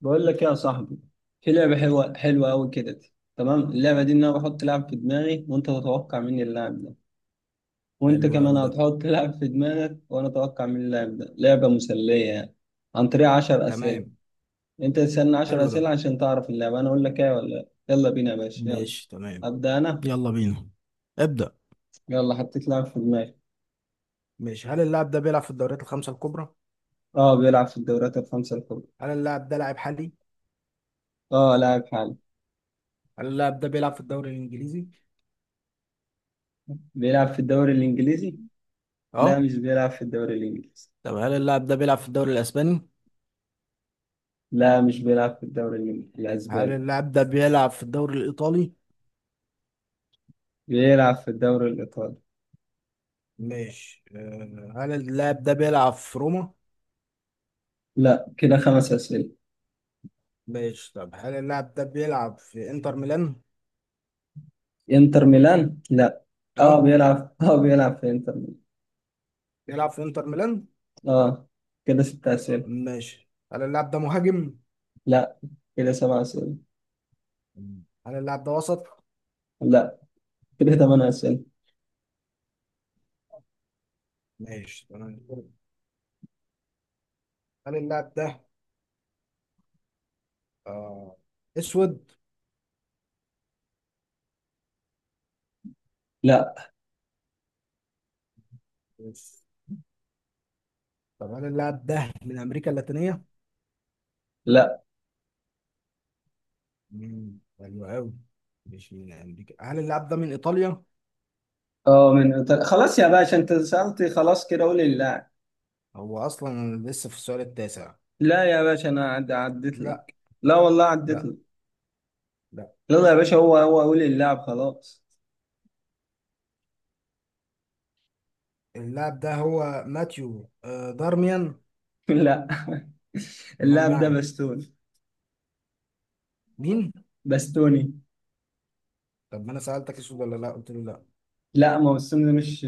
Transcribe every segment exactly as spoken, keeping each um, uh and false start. بقول لك يا صاحبي، في لعبة حلوة حلوة أوي كده. تمام، اللعبة دي إن أنا بحط لاعب في دماغي وأنت تتوقع مين اللاعب ده، وأنت حلو كمان أوي ده. هتحط لاعب في دماغك وأنا أتوقع مين اللاعب ده. لعبة مسلية يعني، عن طريق عشر أسئلة. تمام. أنت تسألني عشر حلو ده. أسئلة عشان تعرف اللعبة أنا أقول لك إيه ولا لأ. يلا بينا يا باشا، يلا. ماشي تمام. أبدأ أنا. يلا بينا. ابدأ. يلا حطيت لاعب في دماغي. ماشي، هل اللاعب ده بيلعب في الدوريات الخمسة الكبرى؟ أه بيلعب في الدوريات الخمسة الكبرى. هل اللاعب ده لاعب حالي؟ أه لاعب حالي. هل اللاعب ده بيلعب في الدوري الإنجليزي؟ بيلعب في الدوري الإنجليزي. لا اه. مش بيلعب في الدوري الإنجليزي. طب هل اللاعب ده بيلعب في الدوري الإسباني؟ لا مش بيلعب في الدوري الإنجليزي هل الأسباني. اللاعب ده بيلعب في الدوري الإيطالي؟ بيلعب في الدوري الإيطالي. ماشي. آه، هل اللاعب ده بيلعب في روما؟ لا، كده خمس أسئلة. ماشي، طب هل اللاعب ده بيلعب في انتر ميلان؟ إنتر ميلان لا. اه اه، بيلعب اه بيلعب في إنتر ميلان. بيلعب في انتر ميلان؟ اه، كده ست أسئلة. ماشي، هل اللاعب ده مهاجم؟ لا، كده سبع أسئلة. هل اللاعب ده وسط؟ لا، كده ثمان أسئلة. ماشي تمام. هل اللاعب ده آه اسود؟ لا. بس. طب هل اللاعب ده من امريكا اللاتينيه؟ لا. مم، حلو قوي. مش من امريكا، هل اللاعب ده من ايطاليا؟ اه من إيطاليا، خلاص يا باشا أنت سألتي خلاص كده قولي اللاعب. هو اصلا لسه في السؤال التاسع. لا يا باشا، أنا عد... عديت لا. لك. لا والله عديت لا. لك. لا. يلا يا باشا، هو هو قولي اللاعب خلاص. اللاعب ده هو ماتيو آه دارميان. لا. امال اللاعب ده معي؟ بستوني. مين؟ بستوني. طب ما انا سالتك اسود ولا لا، قلت لي لا. لا، ما هو بستوني ده مش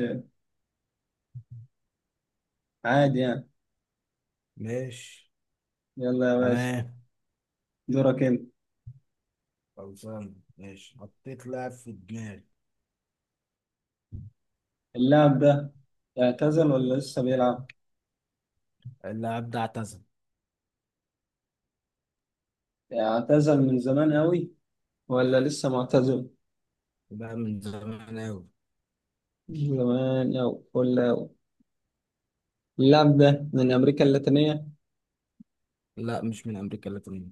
عادي يعني. ماشي. يلا يا باشا، تمام. دورك انت. خلصان ماشي، حطيت لاعب في دماغي. اللاعب ده اعتزل ولا لسه بيلعب؟ اللاعب ده اعتزل. اعتزل من زمان أوي ولا لسه معتزل؟ ده من زمان قوي. من زمان أوي ولا أوي. اللاعب ده من أمريكا اللاتينية؟ لا، مش من امريكا اللاتينيه.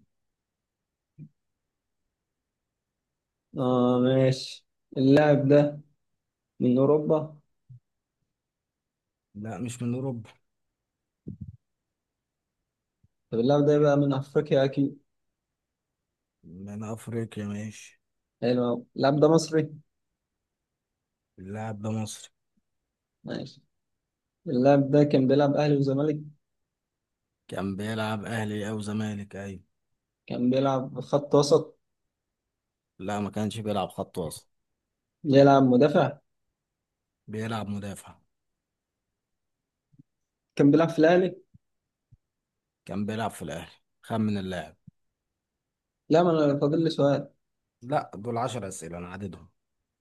آه ماشي. اللاعب ده من أوروبا؟ لا، مش من اوروبا. طب اللاعب ده يبقى من أفريقيا أكيد. من افريقيا، ماشي. حلو أوي، اللاعب ده مصري؟ اللاعب ده مصري. ماشي. اللاعب ده كان بيلعب أهلي وزمالك؟ كان بيلعب اهلي او زمالك، ايوه. كان بيلعب خط وسط؟ لا، ما كانش بيلعب خط وسط. بيلعب مدافع؟ بيلعب مدافع. كان بيلعب في الأهلي؟ كان بيلعب في الاهلي. خمن اللاعب. لا ما أنا فاضل لي سؤال. لا، دول عشر اسئله انا عددهم.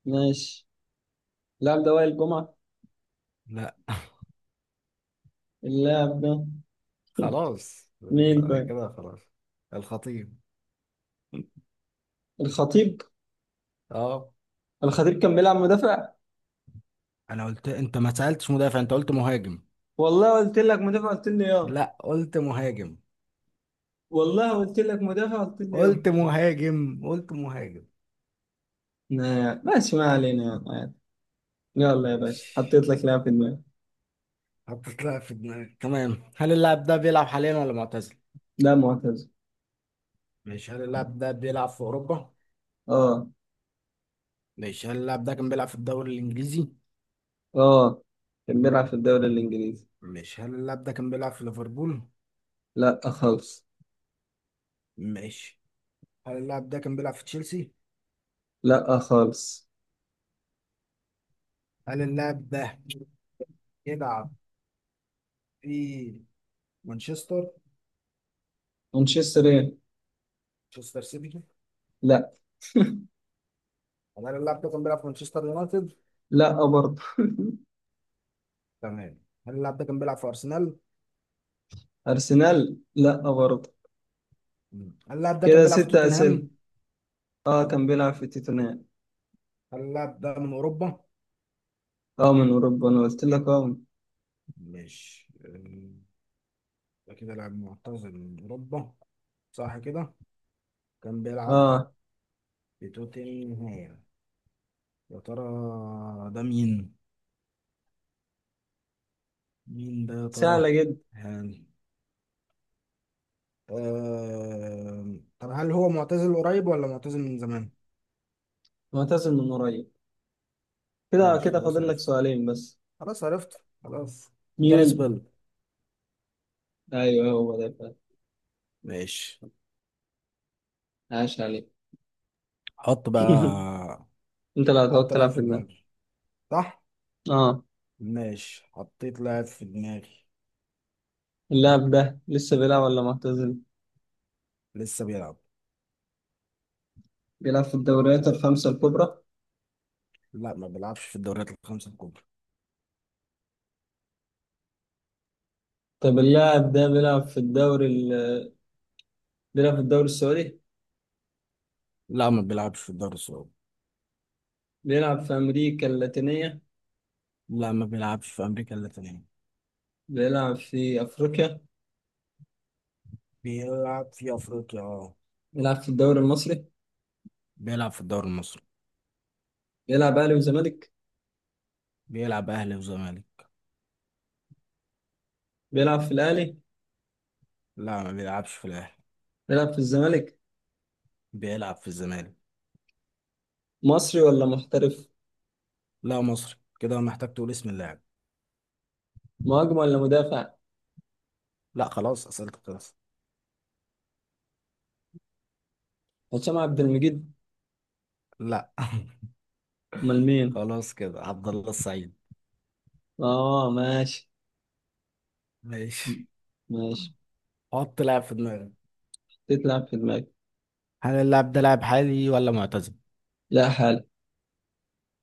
ماشي. اللاعب ده وائل جمعة؟ لا. اللاعب ده خلاص مين انت. طيب؟ كده خلاص. الخطيب. الخطيب. اه. الخطيب كان بيلعب مدافع. انا قلت انت ما سالتش مدافع، انت قلت مهاجم. والله قلت لك مدافع قلت لي اه. لا، قلت مهاجم. والله قلت لك مدافع قلت لي اه. قلت مهاجم. قلت مهاجم. نا- ماشي، ما علينا يلا عادي. يلا يا باشا ماشي، حطيت لك لاعب في دماغي. حطيت لها في دماغي، تمام. هل اللاعب ده بيلعب حاليا ولا معتزل؟ لا معتز. مش هل اللاعب ده بيلعب في أوروبا؟ اه. مش هل اللاعب ده كان بيلعب في الدوري الإنجليزي؟ اه كان بيلعب في الدوري الانجليزي. مش هل اللاعب ده كان بيلعب في ليفربول؟ لا خالص. مش هل اللاعب ده كان بيلعب في تشيلسي؟ لا خالص. هل اللاعب ده بيلعب في مانشستر؟ مانشستر ايه. مانشستر سيتي؟ لا. هل اللاعب ده كان بيلعب في مانشستر يونايتد؟ لا برضه. تمام. هل اللاعب ده كان بيلعب في أرسنال؟ ارسنال لا برضه. مم. هل اللاعب ده كان كده بيلعب في ستة اسئله. توتنهام؟ اه كان بيلعب في توتنهام. هل اللاعب ده من أوروبا؟ اه من اوروبا، انا قلت لك اه. مش ده كده لاعب معتزل من أوروبا، صح كده؟ كان بيلعب اه. في توتنهام، يا ترى ده مين؟ مين ده يا سهله ترى؟ جدا. يعني آه... طب هل هو معتزل قريب ولا معتزل من زمان؟ معتزل من قريب. كده ماشي كده خلاص، فاضل لك عرفت. سؤالين بس. خلاص عرفت خلاص. جاريس مين؟ بيل. ايوه هو ده فعلا. ماشي. عاش عليك. حط بقى. انت اللي هتقعد حط لاعب تلعب في في ده. دماغي، صح؟ اه. ماشي، حطيت لاعب في دماغي. اللاعب ده لسه بيلعب ولا معتزل؟ لسه بيلعب. بيلعب في الدوريات الخمسة الكبرى. لا، ما بيلعبش في الدوريات الخمسة الكبرى. طب اللاعب ده بيلعب في الدوري ال... بيلعب في الدوري السعودي. لا، ما بيلعبش في الدوري السعودي. بيلعب في أمريكا اللاتينية. لا، ما بيلعبش في أمريكا اللاتينية. بيلعب في أفريقيا. بيلعب في أفريقيا، اه. بيلعب في الدوري المصري. بيلعب في الدوري المصري. بيلعب أهلي وزمالك. بيلعب اهلي وزمالك. بيلعب في الأهلي. لا، ما بيلعبش في الاهلي. بيلعب في الزمالك. بيلعب في الزمالك. مصري ولا محترف. لا مصري، كده محتاج تقول اسم اللاعب. مهاجم ولا مدافع. لا خلاص، اسئلتك خلاص. هشام عبد المجيد. لا. أمال مين؟ خلاص كده، عبد الله السعيد. اه ماشي. ماشي. ماشي. حط لاعب في دماغك. تتلعب في دماغي. هل اللاعب ده لاعب حالي ولا معتزل؟ لا حال.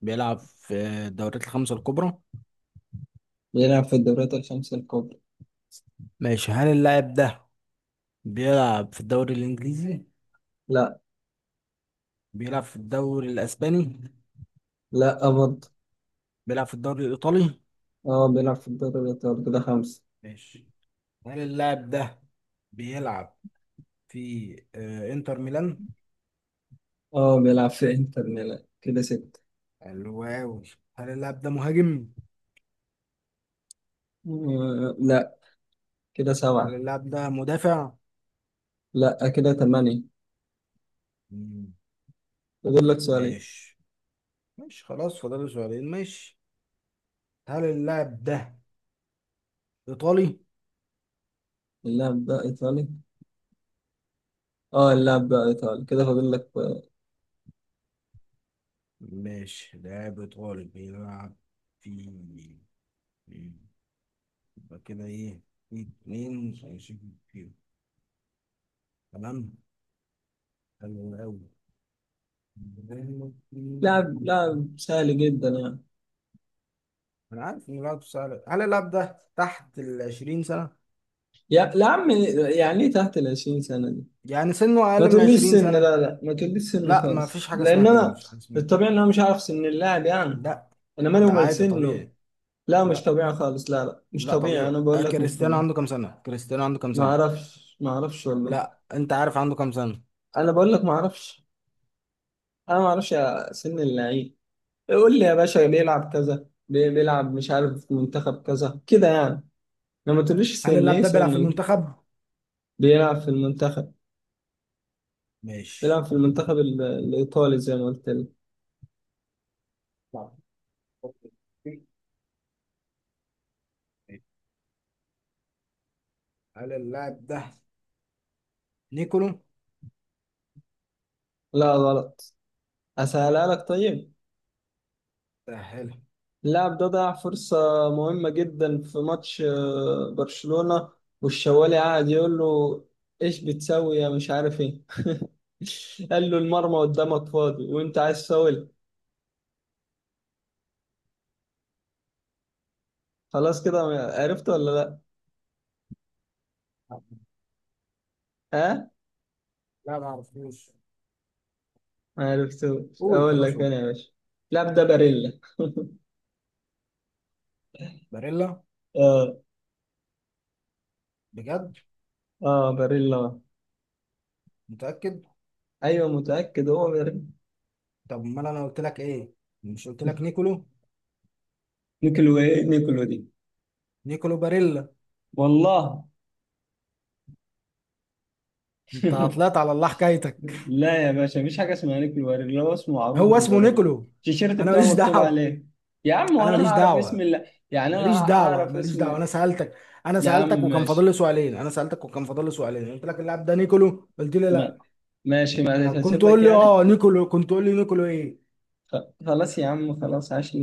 بيلعب في الدوريات الخمسة الكبرى. بيلعب في الدوريات الخمسة الكبرى. ماشي، هل اللاعب ده بيلعب في الدوري الانجليزي؟ لا. بيلعب في الدوري الاسباني؟ لا برضه. بيلعب في الدوري الايطالي؟ اه بيلعب في الدوري الإيطالي، كده خمسة. ماشي، هل اللاعب ده بيلعب في آه، انتر ميلان؟ اه بيلعب في انتر ميلان، كده ستة. حلو أوي. هل اللاعب ده مهاجم؟ آه لا، كده هل سبعة. اللاعب ده مدافع؟ لا، كده ثمانية. مم. فاضل لك سؤالين. ماشي. ماشي خلاص، فاضل سؤالين، ماشي. هل اللاعب ده إيطالي؟ اللاعب ده إيطالي. اه اللاعب ده إيطالي، كده فاضل لك آه، ماشي، لاعب إيطالي بيلعب في مم. يبقى كده إيه؟ في اتنين هيشيل فيهم، تمام؟ حلو أوي. لاعب لاعب سهل جدا يعني. أنا عارف إن لاعب سهل. هل اللاعب ده تحت ال عشرين سنة؟ يا يا عم، يعني ايه تحت ال عشرين سنة دي؟ يعني سنه ما أقل من تقوليش عشرين سن، سنة؟ لا لا ما تقوليش سن لا ما خالص، فيش حاجة لان اسمها كده، ما انا فيش حاجة. الطبيعي ان انا مش عارف سن اللاعب يعني. لا. انا مالي لا ومال عادي سنه. طبيعي. لا مش لا. طبيعي خالص، لا لا مش لا طبيعي، انا طبيعي. آه، بقول لك مش كريستيانو طبيعي. عنده كام سنة؟ كريستيانو عنده كام ما سنة؟ اعرفش ما اعرفش والله. لا انت عارف عنده كام سنة. انا بقول لك ما اعرفش. انا ما اعرفش يا سن اللعيب. قول لي يا باشا بيلعب كذا، بي- بيلعب مش عارف في منتخب كذا كده يعني. لما تقوليش هل سن اللاعب ايه ده بيلعب سن في ايه. المنتخب؟ بيلعب في المنتخب. ماشي. بيلعب في المنتخب ال- الايطالي زي ما قلت لك. لا. هل اللاعب ده نيكولو؟ لا. غلط. اسهلها لك طيب. سهل. اللاعب ده ضيع فرصة مهمة جدا في ماتش آه، برشلونة، والشوالي قاعد يقول له: ايش بتسوي يا مش عارف ايه. قال له المرمى قدامك فاضي وانت عايز فاول. خلاص كده، عرفت ولا لا؟ ها؟ لا ما اعرفوش. ما عرفتوش، قول اقول خلاص، لك قول. انا يا باشا، اللاعب ده باريلا. باريلا؟ اه. بجد؟ اه باريلا. متأكد؟ ايوه متأكد هو باريلا. طب ما انا قلت لك ايه؟ مش قلت لك نيكولو؟ نيكولو ايه نيكولو دي. نيكولو باريلا. والله. انت طلعت على الله حكايتك. لا يا باشا، مفيش حاجة اسمها نيك الباريلا، هو اسمه معروف هو اسمه بالباريلا. نيكولو. التيشيرت انا بتاعه ماليش مكتوب دعوة. عليه. يا عم انا وانا ماليش هعرف اسم دعوة. اللي... يعني انا ماليش دعوه هعرف ماليش دعوه. اسم. انا سالتك، انا يا عم سالتك وكان فاضل ماشي. لي سؤالين، انا سالتك وكان فاضل لي سؤالين قلت لك اللاعب ده نيكولو قلت لي ما- لا. ماشي ما طب كنت هسيب لك تقول لي يعني. اه نيكولو، كنت تقول لي نيكولو ايه. خ- خلاص يا عم خلاص عاش.